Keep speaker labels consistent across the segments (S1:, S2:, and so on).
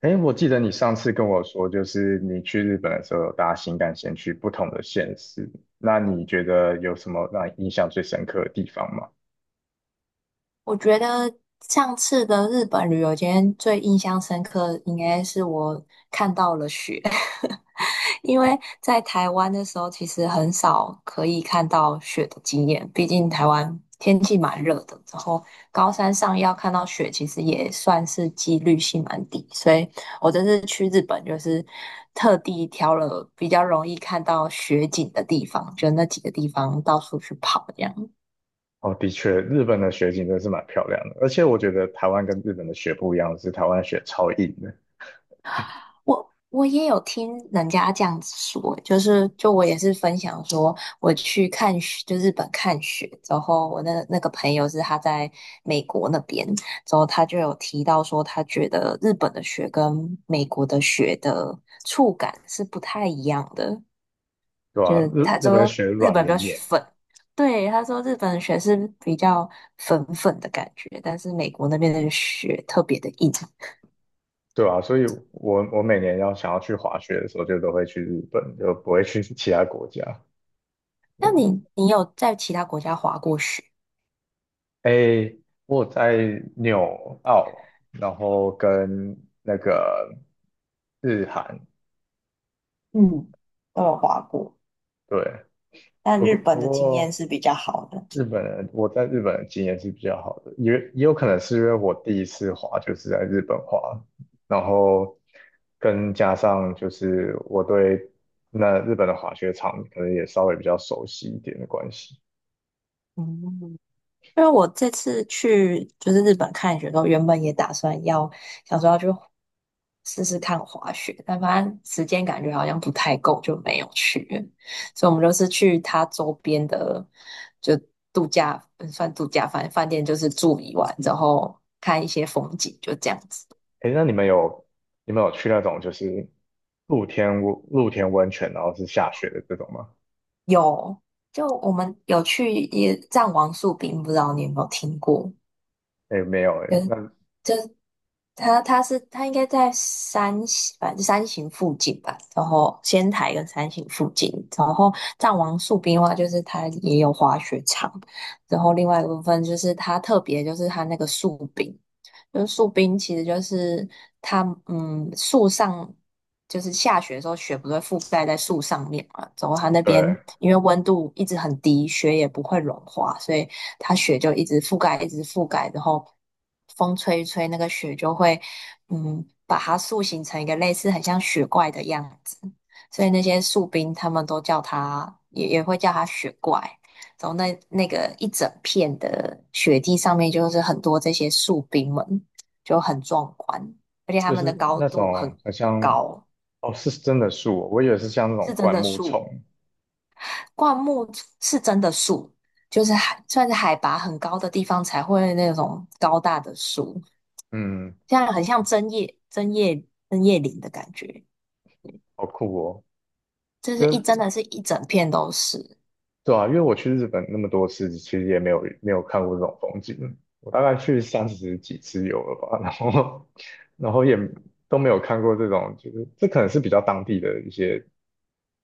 S1: 哎，我记得你上次跟我说，就是你去日本的时候有搭新干线去不同的县市，那你觉得有什么让你印象最深刻的地方吗？
S2: 我觉得上次的日本旅游，今天最印象深刻应该是我看到了雪，因为在台湾的时候其实很少可以看到雪的经验，毕竟台湾天气蛮热的，然后高山上要看到雪其实也算是几率性蛮低，所以我这次去日本就是特地挑了比较容易看到雪景的地方，就那几个地方到处去跑这样。
S1: 哦，的确，日本的雪景真的是蛮漂亮的，而且我觉得台湾跟日本的雪不一样，是台湾的雪超硬的。
S2: 我也有听人家这样子说，就是就我也是分享说，我去看雪，就日本看雪之后，我那个朋友是他在美国那边，之后他就有提到说，他觉得日本的雪跟美国的雪的触感是不太一样的，
S1: 对
S2: 就
S1: 啊，
S2: 是
S1: 日日
S2: 他
S1: 本的
S2: 说
S1: 雪
S2: 日
S1: 软
S2: 本比
S1: 绵
S2: 较
S1: 绵。
S2: 粉，对，他说日本的雪是比较粉粉的感觉，但是美国那边的雪特别的硬。
S1: 对啊，所以我每年要想要去滑雪的时候，就都会去日本，就不会去其他国家。
S2: 那你有在其他国家滑过雪？
S1: 诶，我在纽澳，然后跟那个日韩。
S2: 嗯，都有滑过，
S1: 对，
S2: 但
S1: 不
S2: 日
S1: 过
S2: 本
S1: 不
S2: 的经验
S1: 过
S2: 是比较好的。
S1: 日本人，我在日本的经验是比较好的，也也有可能是因为我第一次滑就是在日本滑，然后跟加上就是我对那日本的滑雪场可能也稍微比较熟悉一点的关系。
S2: 嗯，因为我这次去就是日本看雪的时候，原本也打算要想说要去试试看滑雪，但发现时间感觉好像不太够，就没有去了，所以我们就是去它周边的，就度假，嗯，算度假饭店，就是住一晚然后看一些风景，就这样子。
S1: 诶，那你们有你们有去那种就是露天温露天温泉，然后是下雪的这种吗？
S2: 有，就我们有去也藏王树冰，不知道你有没有听过？
S1: 哎，没有哎。
S2: 嗯，
S1: 那
S2: 就他应该在三星反正三型附近吧，然后仙台跟三型附近，然后藏王树冰的话，就是它也有滑雪场，然后另外一个部分就是它特别就是它那个树冰，就是树冰其实就是它，嗯，树上就是下雪的时候雪不是会覆盖在树上面嘛，然后它那边
S1: 对，
S2: 因为温度一直很低，雪也不会融化，所以它雪就一直覆盖，一直覆盖，然后风吹一吹，那个雪就会，把它塑形成一个类似很像雪怪的样子，所以那些树冰他们都叫它，也会叫它雪怪。然后那个一整片的雪地上面就是很多这些树冰们，就很壮观，而且它
S1: 就
S2: 们
S1: 是
S2: 的高
S1: 那
S2: 度很
S1: 种好像
S2: 高，
S1: 哦，是真的树哦？我以为是像那
S2: 是
S1: 种
S2: 真
S1: 灌
S2: 的
S1: 木
S2: 树。
S1: 丛。
S2: 灌木是真的树，就是海，算是海拔很高的地方才会那种高大的树，
S1: 嗯，
S2: 这样很像针叶、针叶、针叶林的感觉，
S1: 好酷哦。
S2: 就是
S1: 因
S2: 一真
S1: 为
S2: 的是一整片都是。
S1: 对啊，因为我去日本那么多次，其实也没有没有看过这种风景，我大概去三十几次有了吧，然后 然后也都没有看过这种，就是这可能是比较当地的一些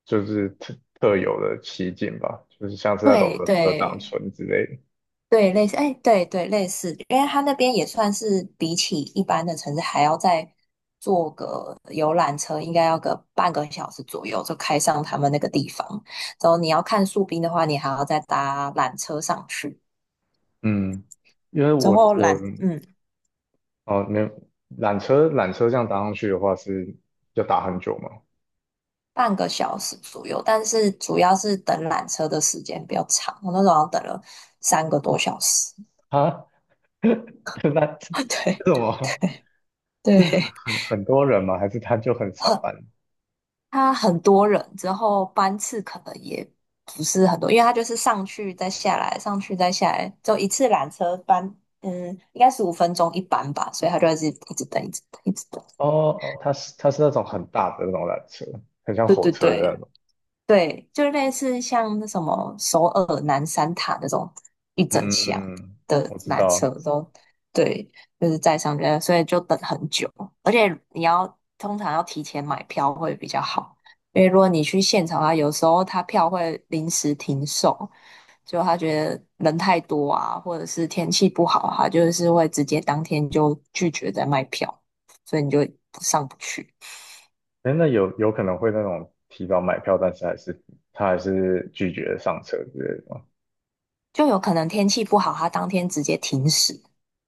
S1: 就是特特有的奇景吧，就是像是那种
S2: 对
S1: 合合掌
S2: 对
S1: 村之类的。
S2: 对，类似，哎，对对，类似，因为它那边也算是比起一般的城市还要再坐个游览车，应该要个半个小时左右就开上他们那个地方。然后你要看树冰的话，你还要再搭缆车上去。
S1: 嗯。因为
S2: 之
S1: 我
S2: 后
S1: 我
S2: 缆，嗯，
S1: 哦，没有，缆车这样搭上去的话是要打很久吗？
S2: 半个小时左右，但是主要是等缆车的时间比较长，我那时候好像等了3个多小时。
S1: 啊，那这 这
S2: 对
S1: 怎么？
S2: 对，
S1: 这是
S2: 对，
S1: 很多人吗？还是他就很少
S2: 很，
S1: 班？
S2: 他很多人，之后班次可能也不是很多，因为他就是上去再下来，上去再下来，就一次缆车班，嗯，应该15分钟一班吧，所以他就一直一直等，一直等，一直等。
S1: 哦哦，他是那种很大的那种缆车，很像
S2: 对
S1: 火
S2: 对
S1: 车的那
S2: 对，
S1: 种。
S2: 对，就类似像那什么首尔南山塔那种一
S1: 嗯
S2: 整箱
S1: 嗯嗯，
S2: 的
S1: 我知
S2: 缆车
S1: 道。
S2: 都，对，就是在上面，所以就等很久，而且你要通常要提前买票会比较好，因为如果你去现场啊，有时候他票会临时停售，就他觉得人太多啊，或者是天气不好啊，他就是会直接当天就拒绝再卖票，所以你就上不去。
S1: 哎，那有有可能会那种提早买票，但是还是他还是拒绝上车之类的吗？
S2: 就有可能天气不好，它当天直接停驶，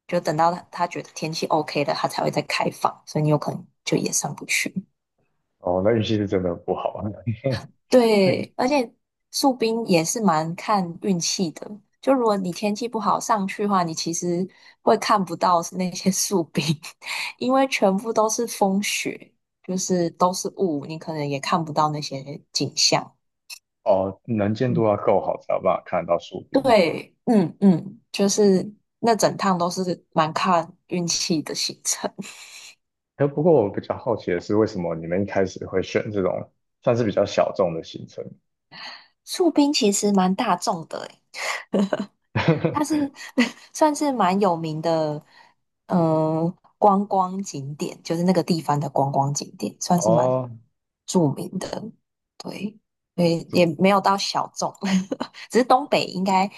S2: 就等到它觉得天气 OK 了，它才会再开放，所以你有可能就也上不去。
S1: 哦，那运气是真的不好啊。那个
S2: 对，而且树冰也是蛮看运气的，就如果你天气不好上去的话，你其实会看不到那些树冰，因为全部都是风雪，就是都是雾，你可能也看不到那些景象。
S1: 哦，能见度
S2: 嗯，
S1: 要够好才有办法看得到树顶。
S2: 对，嗯嗯，就是那整趟都是蛮看运气的行程。
S1: 哎，不过我比较好奇的是，为什么你们一开始会选这种算是比较小众的行程？
S2: 树冰其实蛮大众的诶，它是， 算是蛮有名的，嗯、观光景点，就是那个地方的观光景点，算是蛮
S1: 哦，
S2: 著名的。对，所以也
S1: 不
S2: 没有到小众，只是东北应该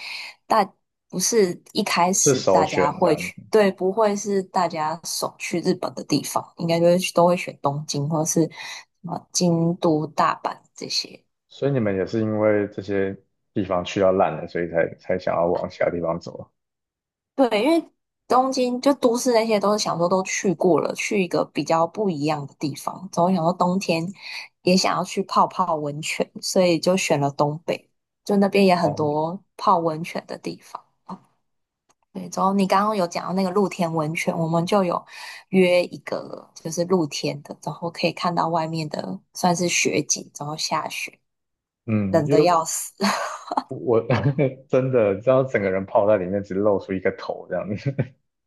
S2: 大不是一开
S1: 不是
S2: 始
S1: 首
S2: 大家
S1: 选这
S2: 会
S1: 样
S2: 去，
S1: 子，
S2: 对，不会是大家首去日本的地方，应该就是都会选东京或是什么京都、大阪这些。
S1: 所以你们也是因为这些地方去到烂了，所以才想要往其他地方走啊。
S2: 对，因为东京就都市那些都是想说都去过了，去一个比较不一样的地方。总想说冬天也想要去泡泡温泉，所以就选了东北，就那边也很
S1: 哦，
S2: 多泡温泉的地方。对，然后你刚刚有讲到那个露天温泉，我们就有约一个就是露天的，然后可以看到外面的算是雪景，然后下雪，
S1: 嗯，
S2: 冷
S1: 因
S2: 的
S1: 为
S2: 要死。
S1: 我 真的知道整个人泡在里面，只露出一个头这样子。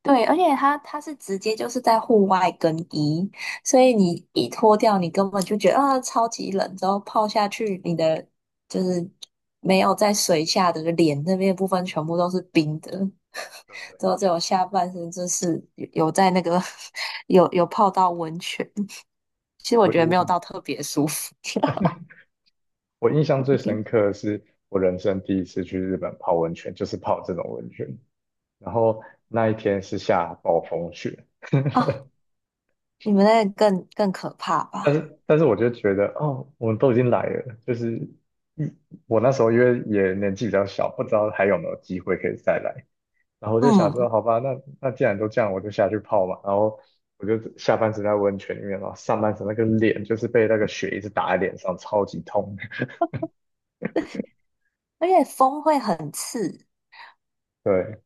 S2: 对，而且它是直接就是在户外更衣，所以你一脱掉，你根本就觉得啊超级冷，之后泡下去，你的就是没有在水下的脸那边的部分全部都是冰的，
S1: 对，
S2: 之后只有下半身就是有在那个 有泡到温泉，其实我
S1: 我
S2: 觉得没有
S1: 我
S2: 到特别舒服。
S1: 我印象最深刻的是我人生第一次去日本泡温泉，就是泡这种温泉。然后那一天是下暴风雪，
S2: 啊，你们那个更可怕
S1: 但
S2: 吧？
S1: 是但是我就觉得哦，我们都已经来了，就是嗯我那时候因为也年纪比较小，不知道还有没有机会可以再来，然后我就想说，
S2: 嗯，
S1: 好吧，那那既然都这样，我就下去泡嘛，然后我就下半身在温泉里面嘛，然后上半身那个脸就是被那个雪一直打在脸上，超级痛。
S2: 而且风会很刺，
S1: 对，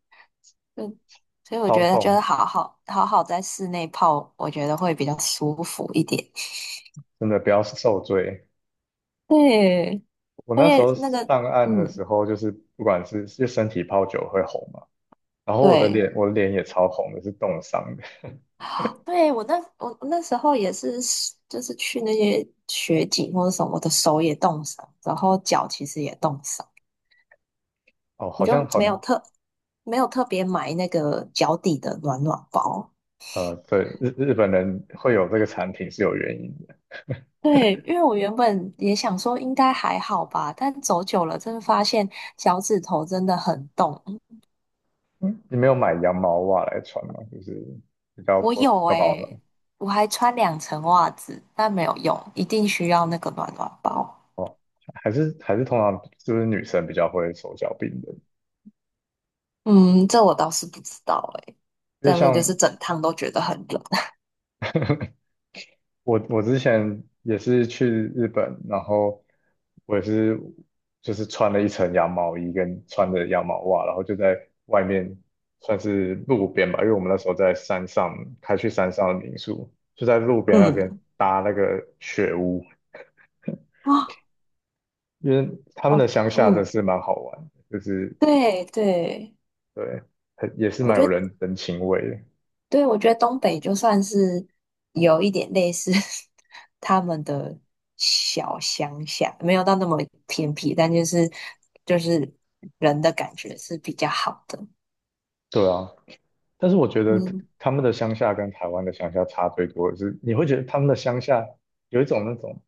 S2: 嗯，所以我
S1: 超
S2: 觉得就
S1: 痛，
S2: 是好好在室内泡，我觉得会比较舒服一点。
S1: 真的不要受罪。
S2: 对，
S1: 我
S2: 而
S1: 那时
S2: 且
S1: 候
S2: 那个，
S1: 上岸的
S2: 嗯，
S1: 时候，就是不管是就身体泡久会红嘛，然后我的
S2: 对，
S1: 脸我的脸也超红的，是冻伤的。
S2: 对我那时候也是，就是去那些雪景或者什么，我的手也冻伤，然后脚其实也冻伤，
S1: 哦，
S2: 我
S1: 好像
S2: 就
S1: 好，像。
S2: 没有特别买那个脚底的暖暖包。
S1: 对，日本人会有这个产品是有原因的。
S2: 对，因为我原本也想说应该还好吧，但走久了真的发现脚趾头真的很冻。
S1: 嗯，你没有买羊毛袜来穿吗？就是比较
S2: 我
S1: 薄、比
S2: 有
S1: 较保暖
S2: 诶、我还穿2层袜子，但没有用，一定需要那个暖暖包。
S1: 哦，还是通常就是女生比较会手脚冰冷，
S2: 嗯，这我倒是不知道诶、
S1: 因为
S2: 但是
S1: 像
S2: 就是整趟都觉得很冷。
S1: 我之前也是去日本，然后我也是就是穿了一层羊毛衣跟穿着羊毛袜，然后就在外面算是路边吧，因为我们那时候在山上开去山上的民宿，就在路 边那边
S2: 嗯
S1: 搭那个雪屋，
S2: 啊，
S1: 因为他们
S2: 哦，
S1: 的乡下真
S2: 嗯，
S1: 是蛮好玩的，就是
S2: 对对，
S1: 对，很也是
S2: 我
S1: 蛮有
S2: 觉得
S1: 人情味的。
S2: 对，我觉得东北就算是有一点类似 他们的小乡下，没有到那么偏僻，但就是人的感觉是比较好的。
S1: 对啊。但是我觉得
S2: 嗯，
S1: 他们的乡下跟台湾的乡下差最多的是，你会觉得他们的乡下有一种那种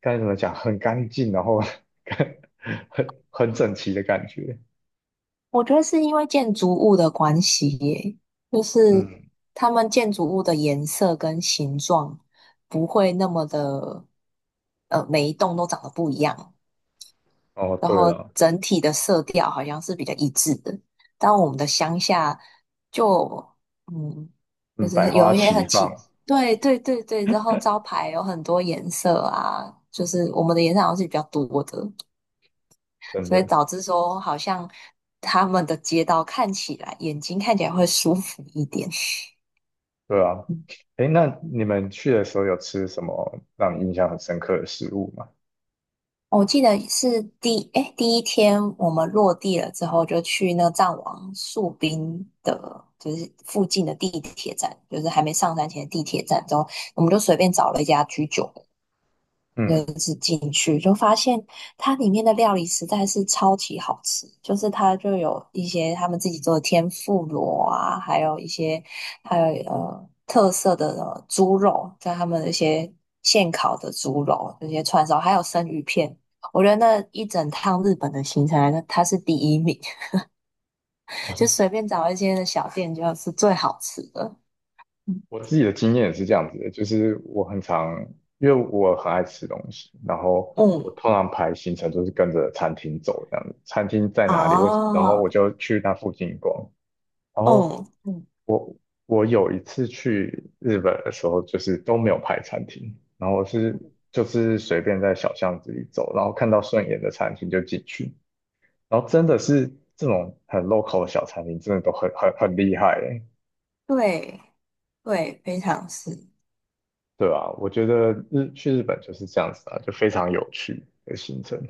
S1: 该怎么讲，很干净，然后 很整齐的感觉。
S2: 我觉得是因为建筑物的关系耶，就是
S1: 嗯，
S2: 他们建筑物的颜色跟形状不会那么的，每一栋都长得不一样，
S1: 哦，
S2: 然
S1: 对
S2: 后
S1: 了，
S2: 整体的色调好像是比较一致的。但我们的乡下就，嗯，就
S1: 嗯，
S2: 是
S1: 百花
S2: 有一些
S1: 齐
S2: 很
S1: 放，
S2: 奇，对对对对，然后招牌有很多颜色啊，就是我们的颜色好像是比较多的。
S1: 真
S2: 所以
S1: 的，
S2: 导致说好像他们的街道看起来眼睛看起来会舒服一点。
S1: 对啊。
S2: 嗯，
S1: 诶，那你们去的时候有吃什么让你印象很深刻的食物吗？
S2: 我记得是第，哎，第1天我们落地了之后，就去那个藏王树冰的，就是附近的地铁站，就是还没上山前的地铁站之后，我们就随便找了一家居酒，
S1: 嗯，
S2: 它里面的料理实在是超级好吃，就是它就有一些他们自己做的天妇罗啊，还有一些还有特色的猪肉，在他们的一些现烤的猪肉、这些串烧，还有生鱼片。我觉得那一整趟日本的行程来说，它是第1名，
S1: 哦，
S2: 就随便找一些的小店就是最好吃的。嗯，
S1: 我自己的经验也是这样子的，就是我很常，因为我很爱吃东西，然后我
S2: 嗯，
S1: 通常排行程都是跟着餐厅走这样子，餐厅在哪里，我然后
S2: 哦，
S1: 我就去那附近逛。然
S2: 嗯
S1: 后
S2: 啊，嗯嗯，
S1: 我我有一次去日本的时候，就是都没有排餐厅，然后我是就是随便在小巷子里走，然后看到顺眼的餐厅就进去，然后真的是这种很 local 的小餐厅，真的都很厉害欸。
S2: 对对，非常是。
S1: 对啊，我觉得日去日本就是这样子啊，就非常有趣的行程。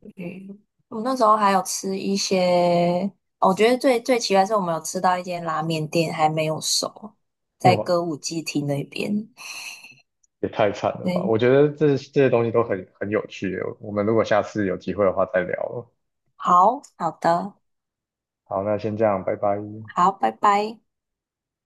S2: 嗯，我那时候还有吃一些，哦，我觉得最奇怪是我们有吃到一间拉面店还没有熟，在
S1: 哇，
S2: 歌舞伎町那边。
S1: 也太惨了吧！
S2: 嗯，
S1: 我觉得这这些东西都很很有趣欸，我们如果下次有机会的话再聊了。
S2: 好好的，
S1: 好，那先这样，拜拜。
S2: 好，拜拜。